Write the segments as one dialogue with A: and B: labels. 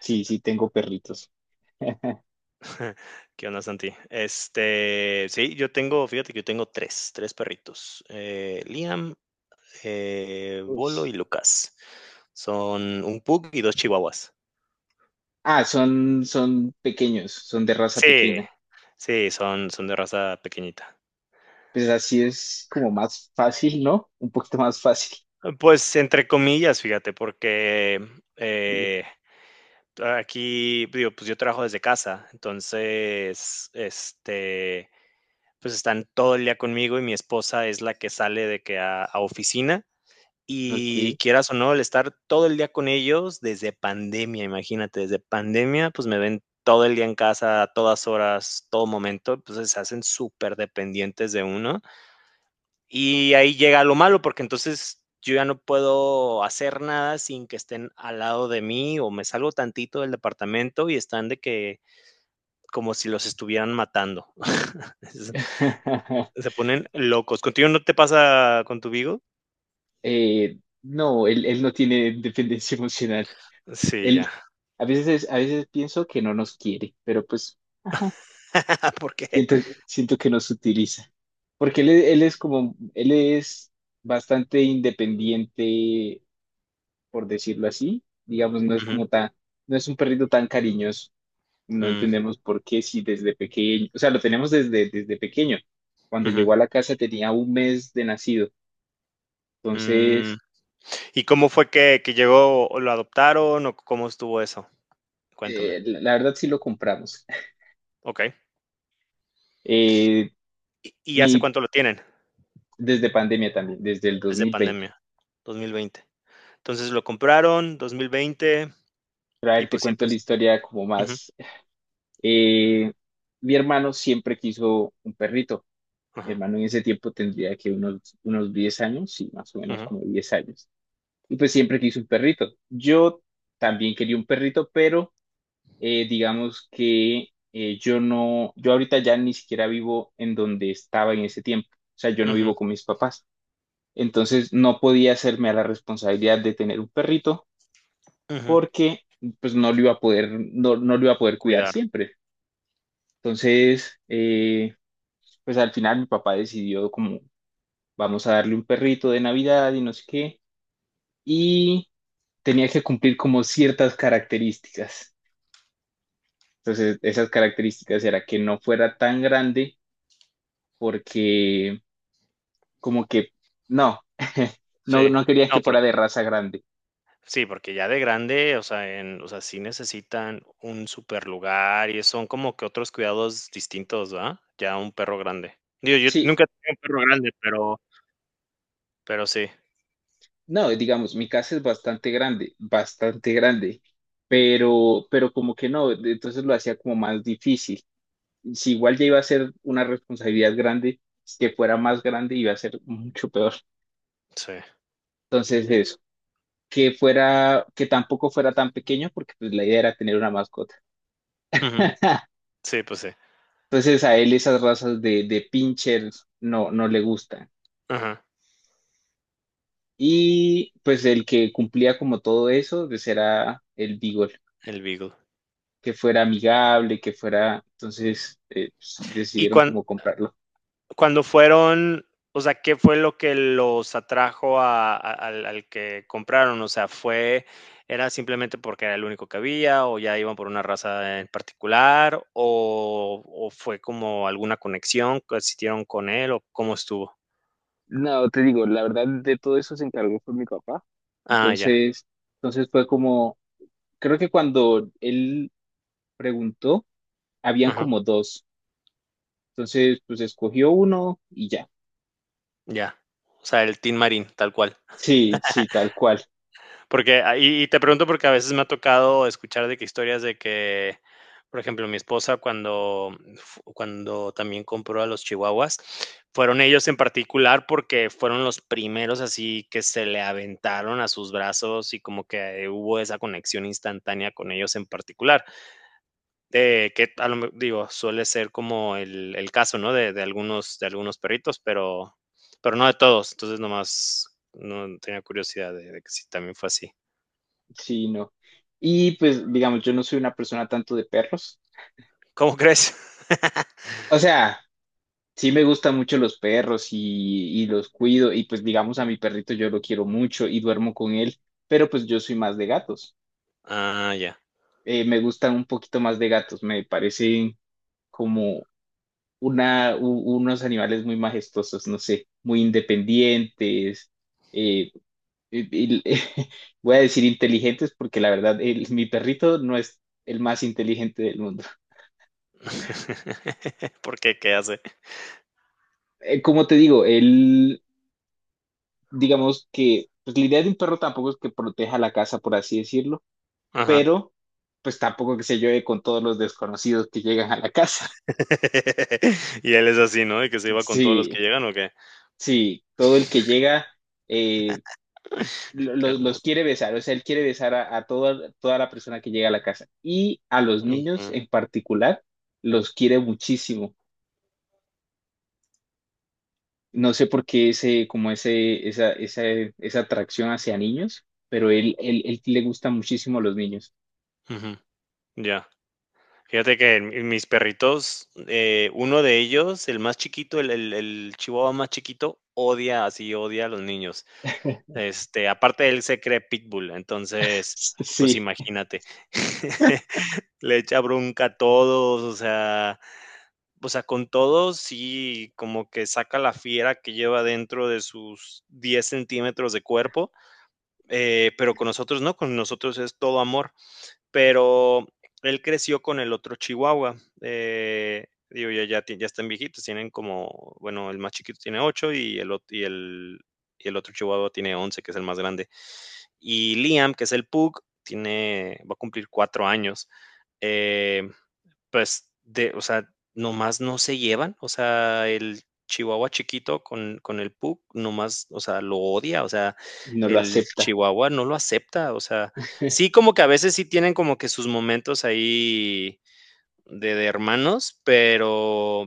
A: Sí, sí, tengo perritos.
B: ¿Qué onda, Santi? Este, sí, yo tengo, fíjate que yo tengo tres perritos. Liam,
A: Uy.
B: Bolo y Lucas. Son un pug y dos chihuahuas.
A: Ah, son pequeños, son de raza
B: Sí,
A: pequeña.
B: sí, son de raza pequeñita.
A: Pues así es como más fácil, ¿no? Un poquito más fácil.
B: Pues entre comillas, fíjate, porque eh, aquí, digo, pues yo trabajo desde casa, entonces, este, pues están todo el día conmigo y mi esposa es la que sale de que a oficina. Y
A: Ok.
B: quieras o no, el estar todo el día con ellos desde pandemia, imagínate, desde pandemia, pues me ven todo el día en casa, a todas horas, todo momento, entonces se hacen súper dependientes de uno. Y ahí llega lo malo, porque entonces yo ya no puedo hacer nada sin que estén al lado de mí o me salgo tantito del departamento y están de que como si los estuvieran matando. Es- Se ponen locos. ¿Contigo no te pasa con tu Vigo?
A: Eh, no, él no tiene dependencia emocional.
B: Sí, ya.
A: Él, a veces, a veces pienso que no nos quiere, pero pues, ajá,
B: Porque.
A: siento, siento que nos utiliza. Porque él es como, él es bastante independiente por decirlo así. Digamos, no es
B: Ujú,
A: como tan, no es un perrito tan cariñoso. No
B: mm,
A: entendemos por qué si desde pequeño, o sea, lo tenemos desde pequeño. Cuando
B: ujú.
A: llegó a la casa tenía un mes de nacido.
B: Mm,
A: Entonces,
B: ¿y cómo fue que, llegó o lo adoptaron o cómo estuvo eso? Cuéntame.
A: la verdad sí lo compramos.
B: Okey.
A: Eh,
B: Y hace
A: mi,
B: cuánto lo tienen?
A: Desde pandemia también, desde el
B: Desde
A: 2020.
B: pandemia, 2020. Entonces, lo compraron 2020
A: Pero a
B: y,
A: ver, te
B: pues,
A: cuento
B: siempre
A: la
B: es,
A: historia como
B: ujú,
A: más. Eh, Mi hermano siempre quiso un perrito. Mi
B: ajá,
A: hermano en ese tiempo tendría que unos 10 años, sí, más o menos
B: ujú,
A: como 10 años. Y pues siempre quise un perrito. Yo también quería un perrito, pero digamos que yo no, yo ahorita ya ni siquiera vivo en donde estaba en ese tiempo. O sea, yo no
B: ujú,
A: vivo con mis papás. Entonces no podía hacerme a la responsabilidad de tener un perrito
B: ujú.
A: porque pues no lo iba a poder, no, no lo iba a poder cuidar
B: Cuidar.
A: siempre. Entonces, pues al final mi papá decidió como vamos a darle un perrito de Navidad y no sé qué. Y tenía que cumplir como ciertas características. Entonces, esas características era que no fuera tan grande porque como que no, no,
B: Sí.
A: no quería que
B: No,
A: fuera
B: porque
A: de raza grande.
B: sí, porque ya de grande, o sea, sí necesitan un super lugar y son como que otros cuidados distintos, ¿verdad? Ya un perro grande. Digo, yo
A: Sí,
B: nunca tengo un perro grande, pero sí,
A: no, digamos, mi casa es bastante grande, pero como que no, entonces lo hacía como más difícil. Si igual ya iba a ser una responsabilidad grande, que fuera más grande iba a ser mucho peor.
B: sí.
A: Entonces, eso, que fuera, que tampoco fuera tan pequeño porque pues la idea era tener una mascota.
B: Ujú. Sí, pues sí.
A: Entonces a él esas razas de pinchers no, no le gustan.
B: Ajá,
A: Y pues el que cumplía como todo eso, pues era el Beagle,
B: el Beagle.
A: que fuera amigable, que fuera... Entonces pues,
B: Y
A: decidieron
B: cuan-
A: como comprarlo.
B: Cuando fueron, o sea, ¿qué fue lo que los atrajo a- al, al que compraron? O sea, ¿fue, era simplemente porque era el único que había o ya iban por una raza en particular o fue como alguna conexión que existieron con él o cómo estuvo?
A: No, te digo, la verdad de todo eso se encargó fue mi papá.
B: Ah, ya.
A: Entonces, entonces fue como, creo que cuando él preguntó, habían
B: Ajá,
A: como dos. Entonces, pues escogió uno y ya.
B: ya. O sea, el Team Marine, tal cual.
A: Sí, sí, tal cual.
B: Porque, ah, y te pregunto porque a veces me ha tocado escuchar de que historias de que, por ejemplo, mi esposa cuando fu cuando también compró a los chihuahuas, fueron ellos en particular porque fueron los primeros así que se le aventaron a sus brazos y como que hubo esa conexión instantánea con ellos en particular, que a lo me digo, suele ser como el caso, ¿no? De algunos de algunos perritos, pero no de todos. Entonces, nomás, no tenía curiosidad de que si también fue así.
A: Sí, no. Y pues, digamos, yo no soy una persona tanto de perros.
B: ¿Cómo crees?
A: O sea, sí me gustan mucho los perros y los cuido. Y pues, digamos, a mi perrito yo lo quiero mucho y duermo con él. Pero pues yo soy más de gatos.
B: ah, ya.
A: Me gustan un poquito más de gatos. Me parecen como una, unos animales muy majestuosos, no sé, muy independientes. eh, y- y- Voy a decir inteligentes porque la verdad, mi perrito no es el más inteligente del mundo.
B: ¿Por qué? ¿Qué hace?
A: Como te digo, él, digamos que, pues la idea de un perro tampoco es que proteja la casa, por así decirlo,
B: Ajá.
A: pero pues tampoco que se lleve con todos los desconocidos que llegan a la casa.
B: y él es así, ¿no? Y que se iba con todos los
A: Sí,
B: que llegan, ¿o qué?
A: sí, todo el que llega eh,
B: Qué
A: los
B: hermoso.
A: quiere besar, o sea, él quiere besar a toda, toda la persona que llega a la casa y a los
B: Ujú,
A: niños en particular los quiere muchísimo. No sé por qué ese, como ese, esa atracción hacia niños, pero él le gusta muchísimo a los niños.
B: ujú. Ya. Fíjate que mis perritos, uno de ellos, el más chiquito, el chihuahua más chiquito, odia, así odia a los niños. Este, aparte él se cree pitbull, entonces, pues
A: Sí,
B: imagínate. Le echa bronca a todos, o sea, o sea, con todo, sí, como que saca la fiera que lleva dentro de sus 10 centímetros de cuerpo, pero con nosotros no, con nosotros es todo amor. Pero él creció con el otro chihuahua. Eh, digo, ya, ya, ya están viejitos, tienen como, bueno, el más chiquito tiene 8 y el, ot- y el otro chihuahua tiene 11, que es el más grande. Y Liam, que es el pug, tiene, va a cumplir 4 años. Eh, pues, de o sea, nomás no se llevan, o sea, el chihuahua chiquito con el pug nomás, o sea, lo odia, o sea,
A: no lo
B: el
A: acepta.
B: chihuahua no lo acepta, o sea, sí, como que a veces sí tienen como que sus momentos ahí de hermanos,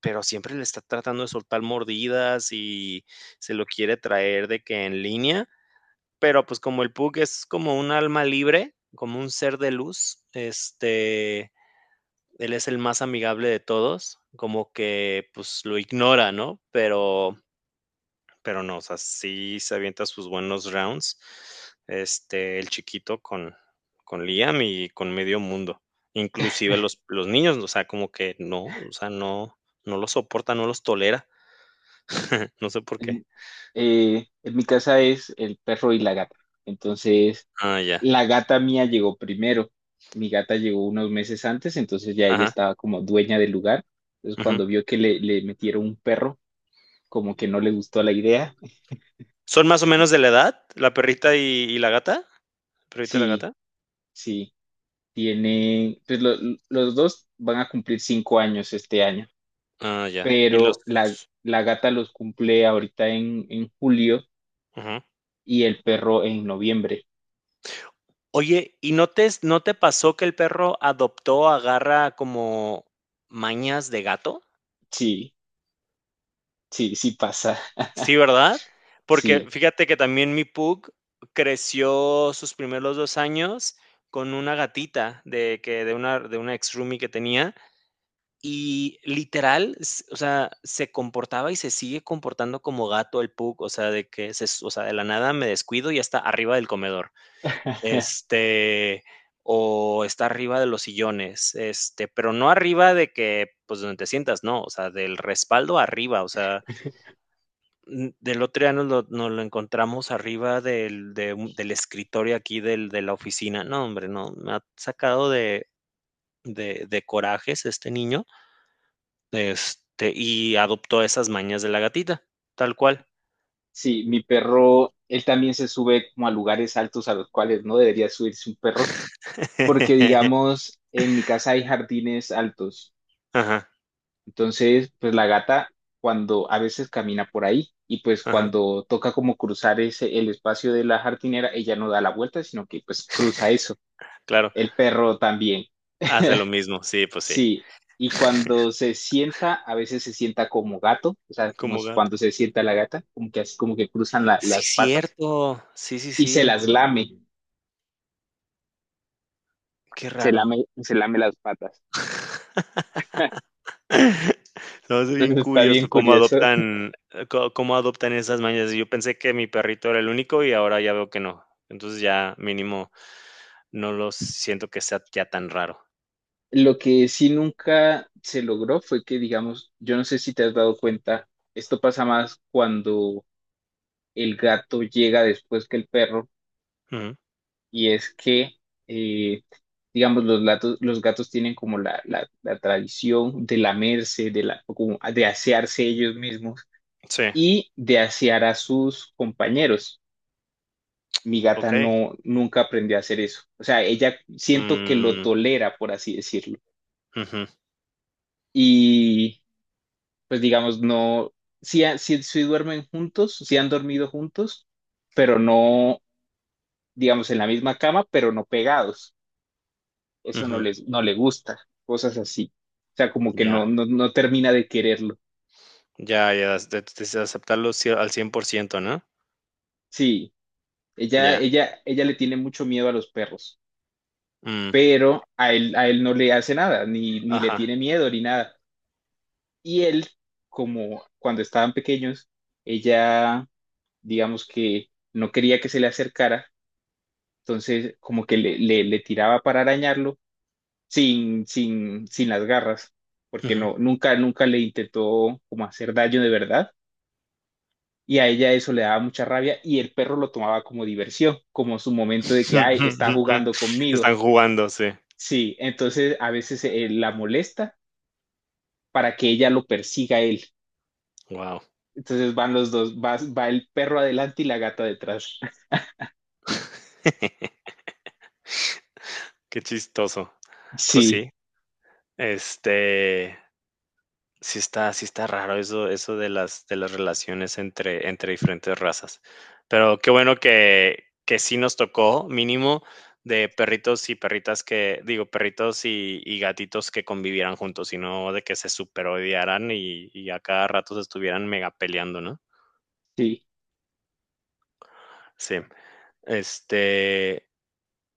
B: pero siempre le está tratando de soltar mordidas y se lo quiere traer de que en línea, pero, pues, como el pug es como un alma libre, como un ser de luz, este, él es el más amigable de todos, como que pues lo ignora, ¿no? Pero no, o sea, sí se avienta sus buenos rounds, este, el chiquito con Liam y con medio mundo. Inclusive los niños, o sea, como que no, o sea, no, no los soporta, no los tolera. No sé por qué.
A: En, en mi casa es el perro y la gata. Entonces,
B: Ah, ya.
A: la gata mía llegó primero. Mi gata llegó unos meses antes, entonces ya ella
B: Ajá.
A: estaba como dueña del lugar. Entonces,
B: Ujú.
A: cuando vio que le metieron un perro, como que no le gustó la idea.
B: ¿Son más o menos de la edad? ¿La perrita y la gata? ¿Perrita y la
A: Sí,
B: gata?
A: sí, tiene, pues los dos van a cumplir 5 años este año,
B: Ah, ya. Y los.
A: pero la gata los cumple ahorita en julio
B: Ujú.
A: y el perro en noviembre.
B: Oye, ¿y no te no te pasó que el perro adoptó, agarra como mañas de gato?
A: Sí, sí, sí pasa,
B: Sí, ¿verdad? Porque
A: sí.
B: fíjate que también mi pug creció sus primeros 2 años con una gatita de que de una ex roomie que tenía, y literal, s o sea, se comportaba y se sigue comportando como gato el pug, o sea, de que se s o sea, de la nada me descuido y ya está arriba del comedor. Este, o está arriba de los sillones, este, pero no arriba de que, pues, donde te sientas, no, o sea, del respaldo arriba, o sea, del otro día nos lo encontramos arriba del, del escritorio aquí del, de la oficina, no, hombre, no, me ha sacado de, de corajes este niño, este, y adoptó esas mañas de la gatita, tal cual.
A: Sí, mi perro, él también se sube como a lugares altos a los cuales no debería subirse un perro, porque digamos, en mi casa hay jardines altos,
B: Ajá,
A: entonces, pues la gata cuando a veces camina por ahí y pues
B: ajá,
A: cuando toca como cruzar ese, el espacio de la jardinera, ella no da la vuelta, sino que pues cruza eso.
B: claro,
A: El perro también.
B: hace lo mismo, sí, pues sí,
A: Sí, y cuando se sienta, a veces se sienta como gato, o sea, como
B: como
A: es
B: gato.
A: cuando se sienta la gata, como que así como que cruzan
B: Sí,
A: las patas
B: cierto. Sí, sí,
A: y se
B: sí.
A: las lame,
B: Qué raro.
A: se lame las patas.
B: Se me hace bien
A: Entonces está bien
B: curioso cómo
A: curioso.
B: adoptan, có cómo adoptan esas mañas. Yo pensé que mi perrito era el único y ahora ya veo que no. Entonces, ya mínimo no los siento que sea ya tan raro.
A: Lo que sí nunca se logró fue que, digamos, yo no sé si te has dado cuenta, esto pasa más cuando el gato llega después que el perro
B: Ujú.
A: y es que, eh, digamos, los gatos tienen como la tradición de lamerse, de, la, como de asearse ellos mismos
B: Sí,
A: y de asear a sus compañeros. Mi gata
B: okey.
A: no, nunca aprendió a hacer eso. O sea, ella siento que lo
B: Mm,
A: tolera, por así decirlo.
B: ujú,
A: Y pues digamos, no, sí, sí, sí duermen juntos, sí han dormido juntos, pero no, digamos, en la misma cama, pero no pegados. Eso no
B: ujú.
A: les, no le gusta, cosas así. O sea, como que
B: Ya,
A: no, no, no termina de quererlo.
B: ya, ya, es de aceptarlo cie al 100%, ¿no?
A: Sí,
B: Ya,
A: ella le tiene mucho miedo a los perros,
B: mm,
A: pero a él no le hace nada, ni, ni le
B: ajá,
A: tiene miedo, ni nada. Y él, como cuando estaban pequeños, ella, digamos que no quería que se le acercara, entonces como que le tiraba para arañarlo sin las garras, porque
B: ujú.
A: no, nunca, nunca le intentó como hacer daño de verdad y a ella eso le daba mucha rabia y el perro lo tomaba como diversión, como su momento de que, ay, está jugando conmigo.
B: Están jugando, sí.
A: Sí, entonces a veces la molesta para que ella lo persiga a él.
B: Guau.
A: Entonces van los dos, va, va el perro adelante y la gata detrás.
B: Qué chistoso. Pues
A: Sí,
B: sí, este, sí está raro eso eso de las relaciones entre diferentes razas. Pero qué bueno que sí nos tocó, mínimo, de perritos y perritas que digo, perritos y gatitos que convivieran juntos, y no de que se superodiaran y a cada rato se estuvieran mega peleando, ¿no?
A: sí,
B: Sí. Este,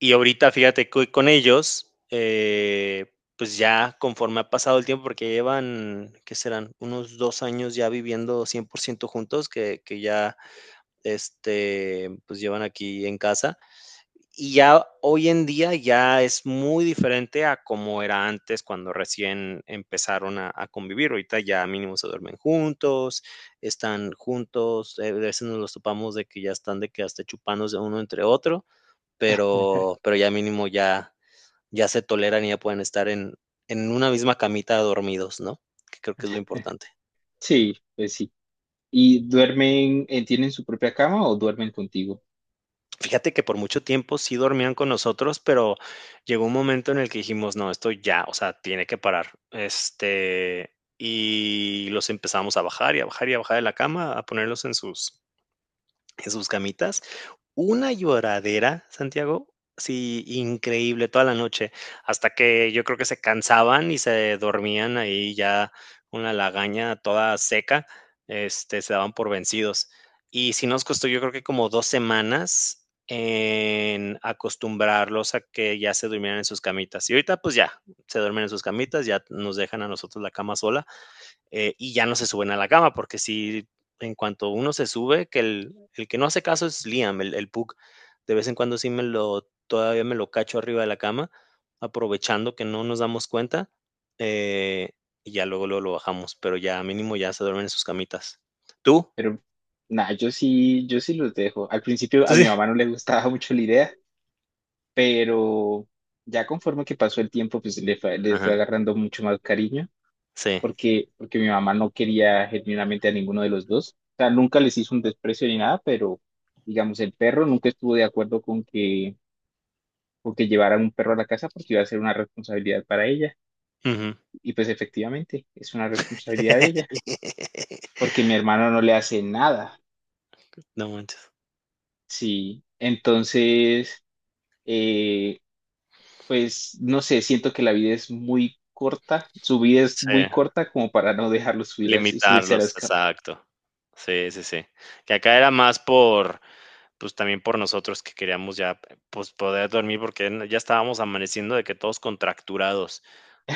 B: y ahorita, fíjate que con ellos, pues ya conforme ha pasado el tiempo, porque llevan, ¿qué serán? Unos 2 años ya viviendo 100% juntos, que ya, este, pues llevan aquí en casa. Y ya hoy en día ya es muy diferente a como era antes cuando recién empezaron a convivir. Ahorita ya mínimo se duermen juntos, están juntos, a veces nos los topamos de que ya están de que hasta chupándose uno entre otro, pero ya mínimo ya se toleran y ya pueden estar en una misma camita dormidos, ¿no? Que creo que es lo importante.
A: sí, pues sí. ¿Y duermen, tienen su propia cama o duermen contigo?
B: Fíjate que por mucho tiempo sí dormían con nosotros, pero llegó un momento en el que dijimos: "No, esto ya, o sea, tiene que parar". Este, y los empezamos a bajar, y a bajar, y a bajar de la cama, a ponerlos en sus camitas. Una lloradera, Santiago, sí, increíble, toda la noche, hasta que yo creo que se cansaban y se dormían ahí ya una lagaña toda seca, este, se daban por vencidos. Y sí nos costó, yo creo que como 2 semanas en acostumbrarlos a que ya se durmieran en sus camitas. Y ahorita, pues ya, se duermen en sus camitas, ya nos dejan a nosotros la cama sola, y ya no se suben a la cama, porque si en cuanto uno se sube, que el que no hace caso es Liam, el Pug. De vez en cuando todavía me lo cacho arriba de la cama, aprovechando que no nos damos cuenta, eh, y ya luego, luego lo bajamos, pero ya mínimo ya se duermen en sus camitas. ¿Tú?
A: Pero nada, yo sí, yo sí los dejo. Al principio a
B: ¿Tú
A: mi
B: sí?
A: mamá no le gustaba mucho la idea, pero ya conforme que pasó el tiempo, pues le fue
B: Ajá,
A: agarrando mucho más cariño,
B: sí.
A: porque, porque mi mamá no quería genuinamente a ninguno de los dos. O sea, nunca les hizo un desprecio ni nada, pero digamos, el perro nunca estuvo de acuerdo con que llevaran un perro a la casa porque iba a ser una responsabilidad para ella.
B: Ujú.
A: Y pues efectivamente, es una responsabilidad de ella, porque mi hermano no le hace nada.
B: No manches.
A: Sí, entonces... eh, pues no sé, siento que la vida es muy corta, su vida es
B: Sí,
A: muy corta como para no dejarlo subir subirse a
B: limitarlos,
A: las camas.
B: exacto. Sí, sí, sí. Que acá era más pues también por nosotros que queríamos ya, pues poder dormir porque ya estábamos amaneciendo de que todos contracturados,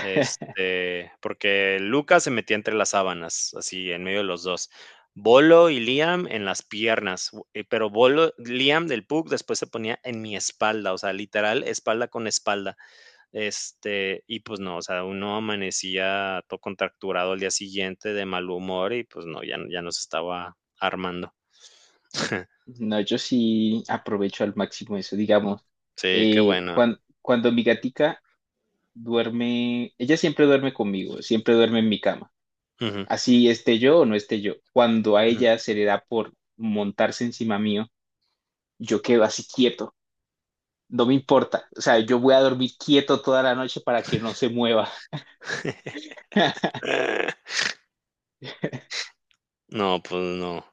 B: este, porque Lucas se metía entre las sábanas, así en medio de los dos. Bolo y Liam en las piernas, pero Bolo, Liam del Pug después se ponía en mi espalda, o sea, literal, espalda con espalda. Este, y pues no, o sea, uno amanecía todo contracturado al día siguiente de mal humor y pues no, ya, ya nos estaba armando.
A: No, yo sí aprovecho al máximo eso, digamos.
B: Sí, qué bueno.
A: Cuando mi gatica duerme, ella siempre duerme conmigo, siempre duerme en mi cama,
B: Ujú.
A: así esté yo o no esté yo. Cuando a
B: Ujú.
A: ella se le da por montarse encima mío, yo quedo así quieto, no me importa, o sea, yo voy a dormir quieto toda la noche para que no se mueva.
B: No, pues no.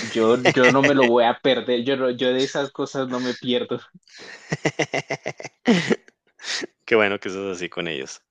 A: Yo no me lo voy a perder, yo, yo de esas cosas no me pierdo.
B: Qué bueno que sos así con ellos.